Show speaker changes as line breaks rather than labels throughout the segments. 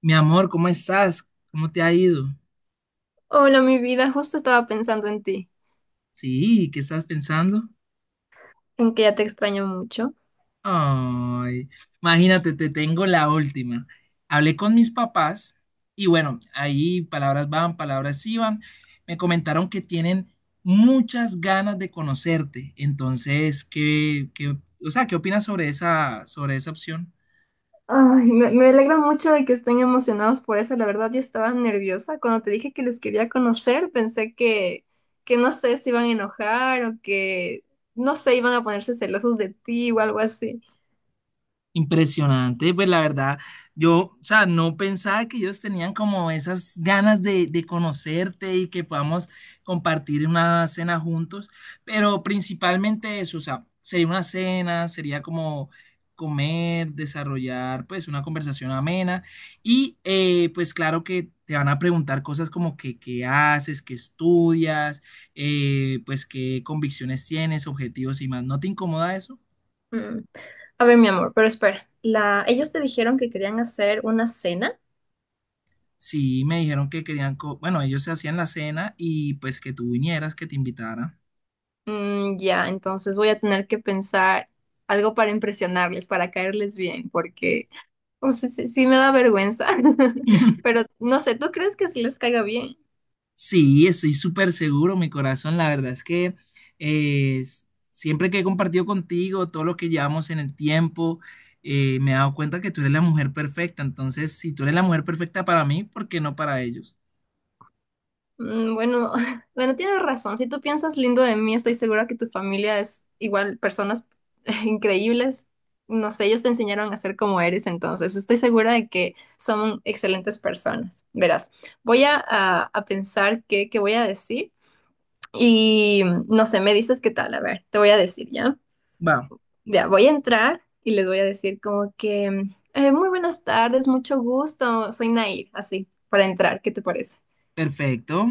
Mi amor, ¿cómo estás? ¿Cómo te ha ido?
Hola, mi vida, justo estaba pensando en ti,
Sí, ¿qué estás pensando?
en que ya te extraño mucho.
Ay, imagínate, te tengo la última. Hablé con mis papás y bueno, ahí palabras van, palabras iban. Me comentaron que tienen muchas ganas de conocerte. Entonces, ¿qué opinas sobre esa opción?
Ay, me alegra mucho de que estén emocionados por eso. La verdad, yo estaba nerviosa. Cuando te dije que les quería conocer, pensé que no sé si iban a enojar o que, no sé, iban a ponerse celosos de ti o algo así.
Impresionante, pues la verdad, yo, o sea, no pensaba que ellos tenían como esas ganas de conocerte y que podamos compartir una cena juntos, pero principalmente eso, o sea, sería una cena, sería como comer, desarrollar pues una conversación amena y pues claro que te van a preguntar cosas como que qué haces, qué estudias, pues qué convicciones tienes, objetivos y más, ¿no te incomoda eso?
Mm. A ver, mi amor, pero espera. Ellos te dijeron que querían hacer una cena.
Sí, me dijeron que querían, bueno, ellos se hacían la cena y pues que tú vinieras, que te invitara.
Ya, entonces voy a tener que pensar algo para impresionarles, para caerles bien, porque. O sea, sí, sí me da vergüenza, pero no sé, ¿tú crees que si les caiga bien?
Sí, estoy súper seguro, mi corazón. La verdad es que eh, s- siempre que he compartido contigo todo lo que llevamos en el tiempo, me he dado cuenta que tú eres la mujer perfecta. Entonces, si tú eres la mujer perfecta para mí, ¿por qué no para ellos?
Bueno, bueno, tienes razón. Si tú piensas lindo de mí, estoy segura que tu familia es igual personas increíbles. No sé, ellos te enseñaron a ser como eres, entonces estoy segura de que son excelentes personas. Verás, voy a pensar qué voy a decir y no sé, me dices qué tal. A ver, te voy a decir, ¿ya?
Va,
Ya voy a entrar y les voy a decir como que, muy buenas tardes, mucho gusto, soy Nair, así, para entrar, ¿qué te parece?
perfecto.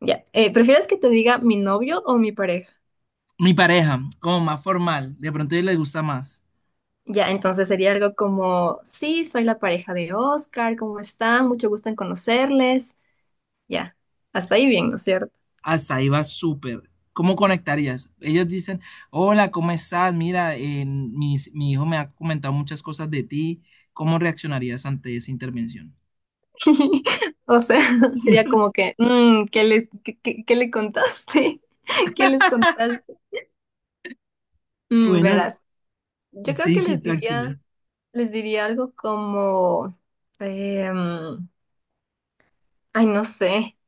Ya, ¿prefieres que te diga mi novio o mi pareja?
Mi pareja, como más formal, de pronto a ellos les gusta más.
Ya, entonces sería algo como, sí, soy la pareja de Oscar, ¿cómo están? Mucho gusto en conocerles. Ya, hasta ahí bien, ¿no es cierto?
Hasta ahí va súper. ¿Cómo conectarías? Ellos dicen, hola, ¿cómo estás? Mira, mi hijo me ha comentado muchas cosas de ti. ¿Cómo reaccionarías ante esa intervención?
O sea, sería como que, ¿qué le contaste? ¿Qué les contaste?
Bueno,
Verás, yo creo
sí,
que
sí,
les diría...
tranquila.
les diría algo como, em, ay, no sé,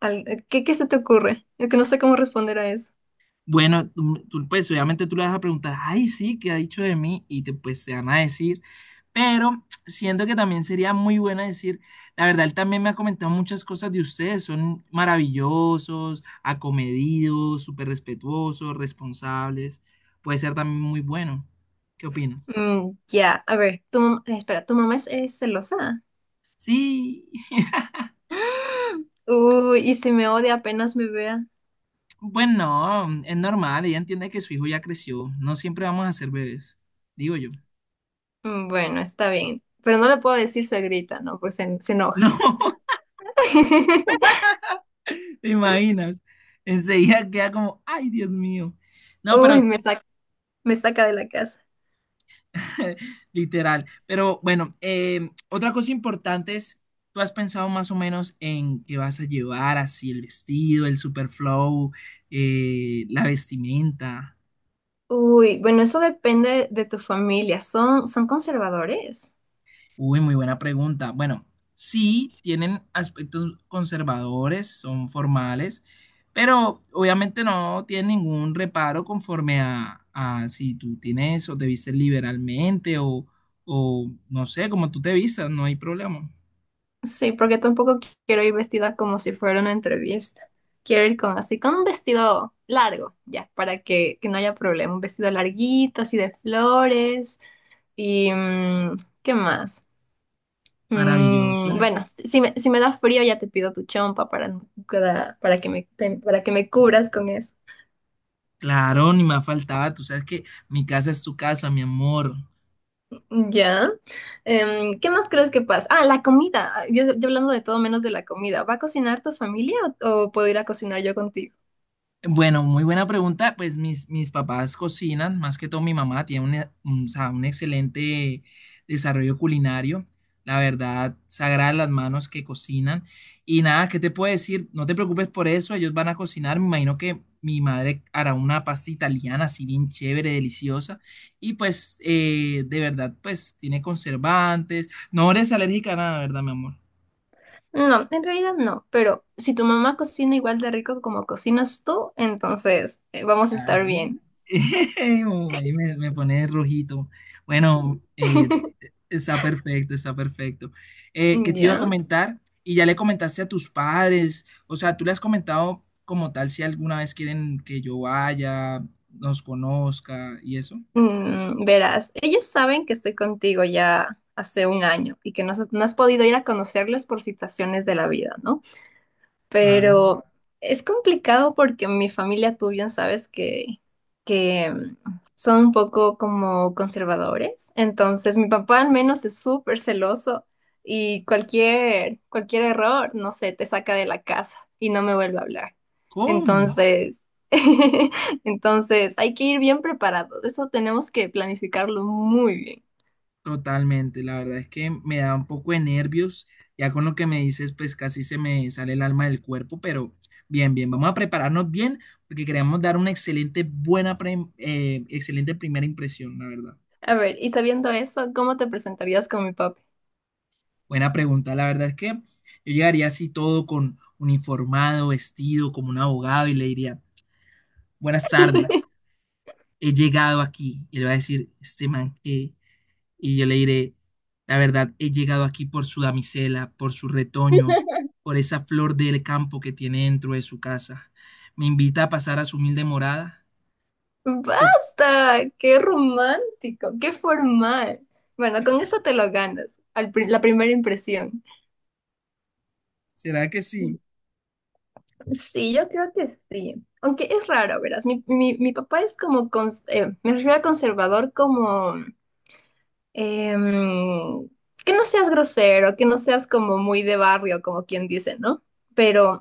¿qué se te ocurre? Es que no sé cómo responder a eso.
Bueno, tú, pues obviamente tú le vas a preguntar, ay, sí, ¿qué ha dicho de mí? Y te, pues te van a decir, pero siento que también sería muy buena decir, la verdad, él también me ha comentado muchas cosas de ustedes, son maravillosos, acomedidos, súper respetuosos, responsables, puede ser también muy bueno. ¿Qué opinas?
Ya, a ver, espera, ¿tu mamá es celosa?
Sí,
Uy, y si me odia apenas me vea.
bueno, es normal, ella entiende que su hijo ya creció, no siempre vamos a ser bebés, digo yo.
Bueno, está bien, pero no le puedo decir suegrita, ¿no? Pues se enoja.
No. ¿Te imaginas? Enseguida queda como, ay, Dios mío. No, pero
Uy, me saca de la casa.
literal. Pero bueno, otra cosa importante es, ¿tú has pensado más o menos en qué vas a llevar, así el vestido, el super flow, la vestimenta?
Uy, bueno, eso depende de tu familia. ¿Son conservadores?
Uy, muy buena pregunta. Bueno, sí, tienen aspectos conservadores, son formales, pero obviamente no tienen ningún reparo conforme a si tú tienes o te vistes liberalmente o no sé, como tú te vistas, no hay problema.
Sí, porque tampoco quiero ir vestida como si fuera una entrevista. Quiero ir con así, con un vestido largo, ya, para que no haya problema. Un vestido larguito, así de flores. Y, ¿qué más?
Maravilloso.
Bueno, si me da frío ya te pido tu chompa para, no- para, para que me, para que me cubras con eso.
Claro, ni más faltaba. Tú sabes que mi casa es tu casa, mi amor.
Ya. ¿Qué más crees que pasa? Ah, la comida. Yo hablando de todo menos de la comida. ¿Va a cocinar tu familia o puedo ir a cocinar yo contigo?
Bueno, muy buena pregunta. Pues mis papás cocinan, más que todo mi mamá tiene un, o sea, un excelente desarrollo culinario. La verdad, sagradas las manos que cocinan. Y nada, ¿qué te puedo decir? No te preocupes por eso, ellos van a cocinar. Me imagino que mi madre hará una pasta italiana así bien chévere, deliciosa. Y pues, de verdad, pues tiene conservantes. No eres alérgica a nada, ¿verdad, mi amor?
No, en realidad no, pero si tu mamá cocina igual de rico como cocinas tú, entonces vamos a estar bien.
Ay, oh, ahí me, me pone rojito. Bueno, está perfecto, está perfecto. ¿Qué te iba a
Ya.
comentar? Y ya le comentaste a tus padres, o sea, tú le has comentado como tal si alguna vez quieren que yo vaya, nos conozca y eso.
Verás, ellos saben que estoy contigo ya hace un año y que no has podido ir a conocerles por situaciones de la vida, ¿no?
Claro.
Pero es complicado porque mi familia, tú bien sabes que son un poco como conservadores. Entonces, mi papá al menos es súper celoso y cualquier error, no sé, te saca de la casa y no me vuelve a hablar.
¿Cómo?
Entonces, entonces hay que ir bien preparados. Eso tenemos que planificarlo muy bien.
Totalmente, la verdad es que me da un poco de nervios, ya con lo que me dices, pues casi se me sale el alma del cuerpo, pero bien, bien, vamos a prepararnos bien porque queremos dar una excelente, buena, excelente primera impresión, la verdad.
A ver, y sabiendo eso, ¿cómo te presentarías con mi papá?
Buena pregunta, la verdad es que yo llegaría así todo con uniformado, vestido como un abogado y le diría, buenas tardes, he llegado aquí, y le va a decir, este man, y yo le diré, la verdad, he llegado aquí por su damisela, por su retoño, por esa flor del campo que tiene dentro de su casa. Me invita a pasar a su humilde morada. ¿Qué op-
Basta, qué romántico, qué formal. Bueno, con eso te lo ganas, la primera impresión.
¿Será que sí?
Sí, yo creo que sí. Aunque es raro, verás. Mi papá es como, me refiero a conservador como, em, que no seas grosero, que no seas como muy de barrio, como quien dice, ¿no? Pero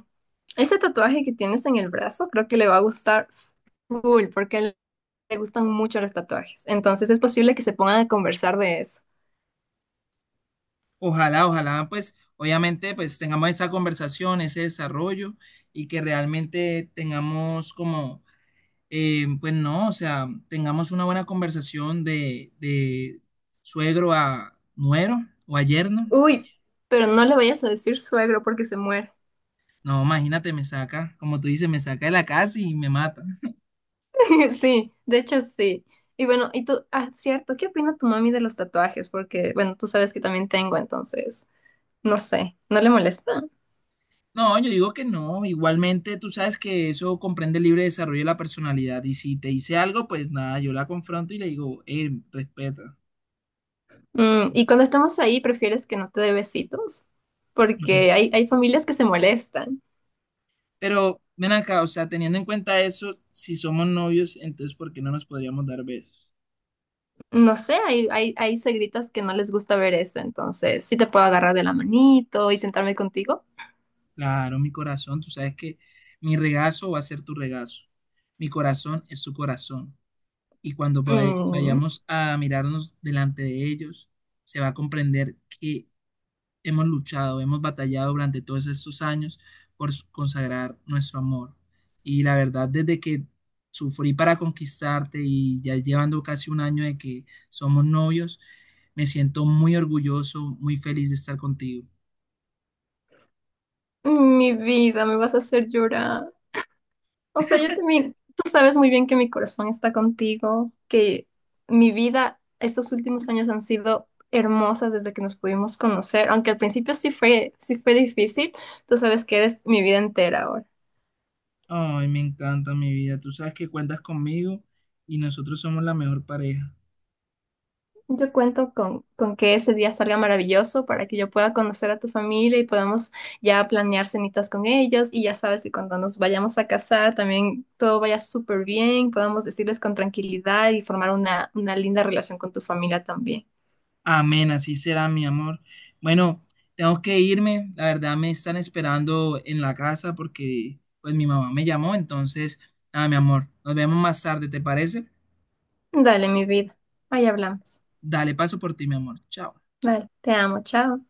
ese tatuaje que tienes en el brazo creo que le va a gustar full, porque a él le gustan mucho los tatuajes. Entonces es posible que se pongan a conversar de eso.
Ojalá, ojalá, pues obviamente pues tengamos esa conversación, ese desarrollo y que realmente tengamos como, pues no, o sea, tengamos una buena conversación de suegro a nuero o a yerno.
Uy, pero no le vayas a decir suegro porque se muere.
No, imagínate, me saca, como tú dices, me saca de la casa y me mata.
Sí, de hecho sí. Y bueno, y tú, ah, cierto, ¿qué opina tu mami de los tatuajes? Porque, bueno, tú sabes que también tengo, entonces, no sé, ¿no le molesta?
No, yo digo que no, igualmente tú sabes que eso comprende el libre desarrollo de la personalidad y si te dice algo, pues nada, yo la confronto y le digo, respeta.
Y cuando estamos ahí, ¿prefieres que no te dé besitos?
No.
Porque hay familias que se molestan.
Pero ven acá, o sea, teniendo en cuenta eso, si somos novios, entonces ¿por qué no nos podríamos dar besos?
No sé, hay suegritas que no les gusta ver eso, entonces, sí te puedo agarrar de la manito y sentarme contigo.
Claro, mi corazón, tú sabes que mi regazo va a ser tu regazo, mi corazón es tu corazón. Y cuando
Mm,
vayamos a mirarnos delante de ellos, se va a comprender que hemos luchado, hemos batallado durante todos estos años por consagrar nuestro amor. Y la verdad, desde que sufrí para conquistarte y ya llevando casi un año de que somos novios, me siento muy orgulloso, muy feliz de estar contigo.
mi vida, me vas a hacer llorar. O sea, yo también, tú sabes muy bien que mi corazón está contigo, que mi vida, estos últimos años han sido hermosas desde que nos pudimos conocer, aunque al principio sí fue difícil, tú sabes que eres mi vida entera ahora.
Ay, me encanta mi vida. Tú sabes que cuentas conmigo y nosotros somos la mejor pareja.
Yo cuento con que ese día salga maravilloso para que yo pueda conocer a tu familia y podamos ya planear cenitas con ellos y ya sabes que cuando nos vayamos a casar también todo vaya súper bien, podamos decirles con tranquilidad y formar una linda relación con tu familia también.
Amén, así será, mi amor. Bueno, tengo que irme. La verdad me están esperando en la casa porque pues mi mamá me llamó. Entonces, nada, mi amor, nos vemos más tarde, ¿te parece?
Dale, mi vida. Ahí hablamos.
Dale, paso por ti, mi amor. Chao.
Dale, te amo, chao.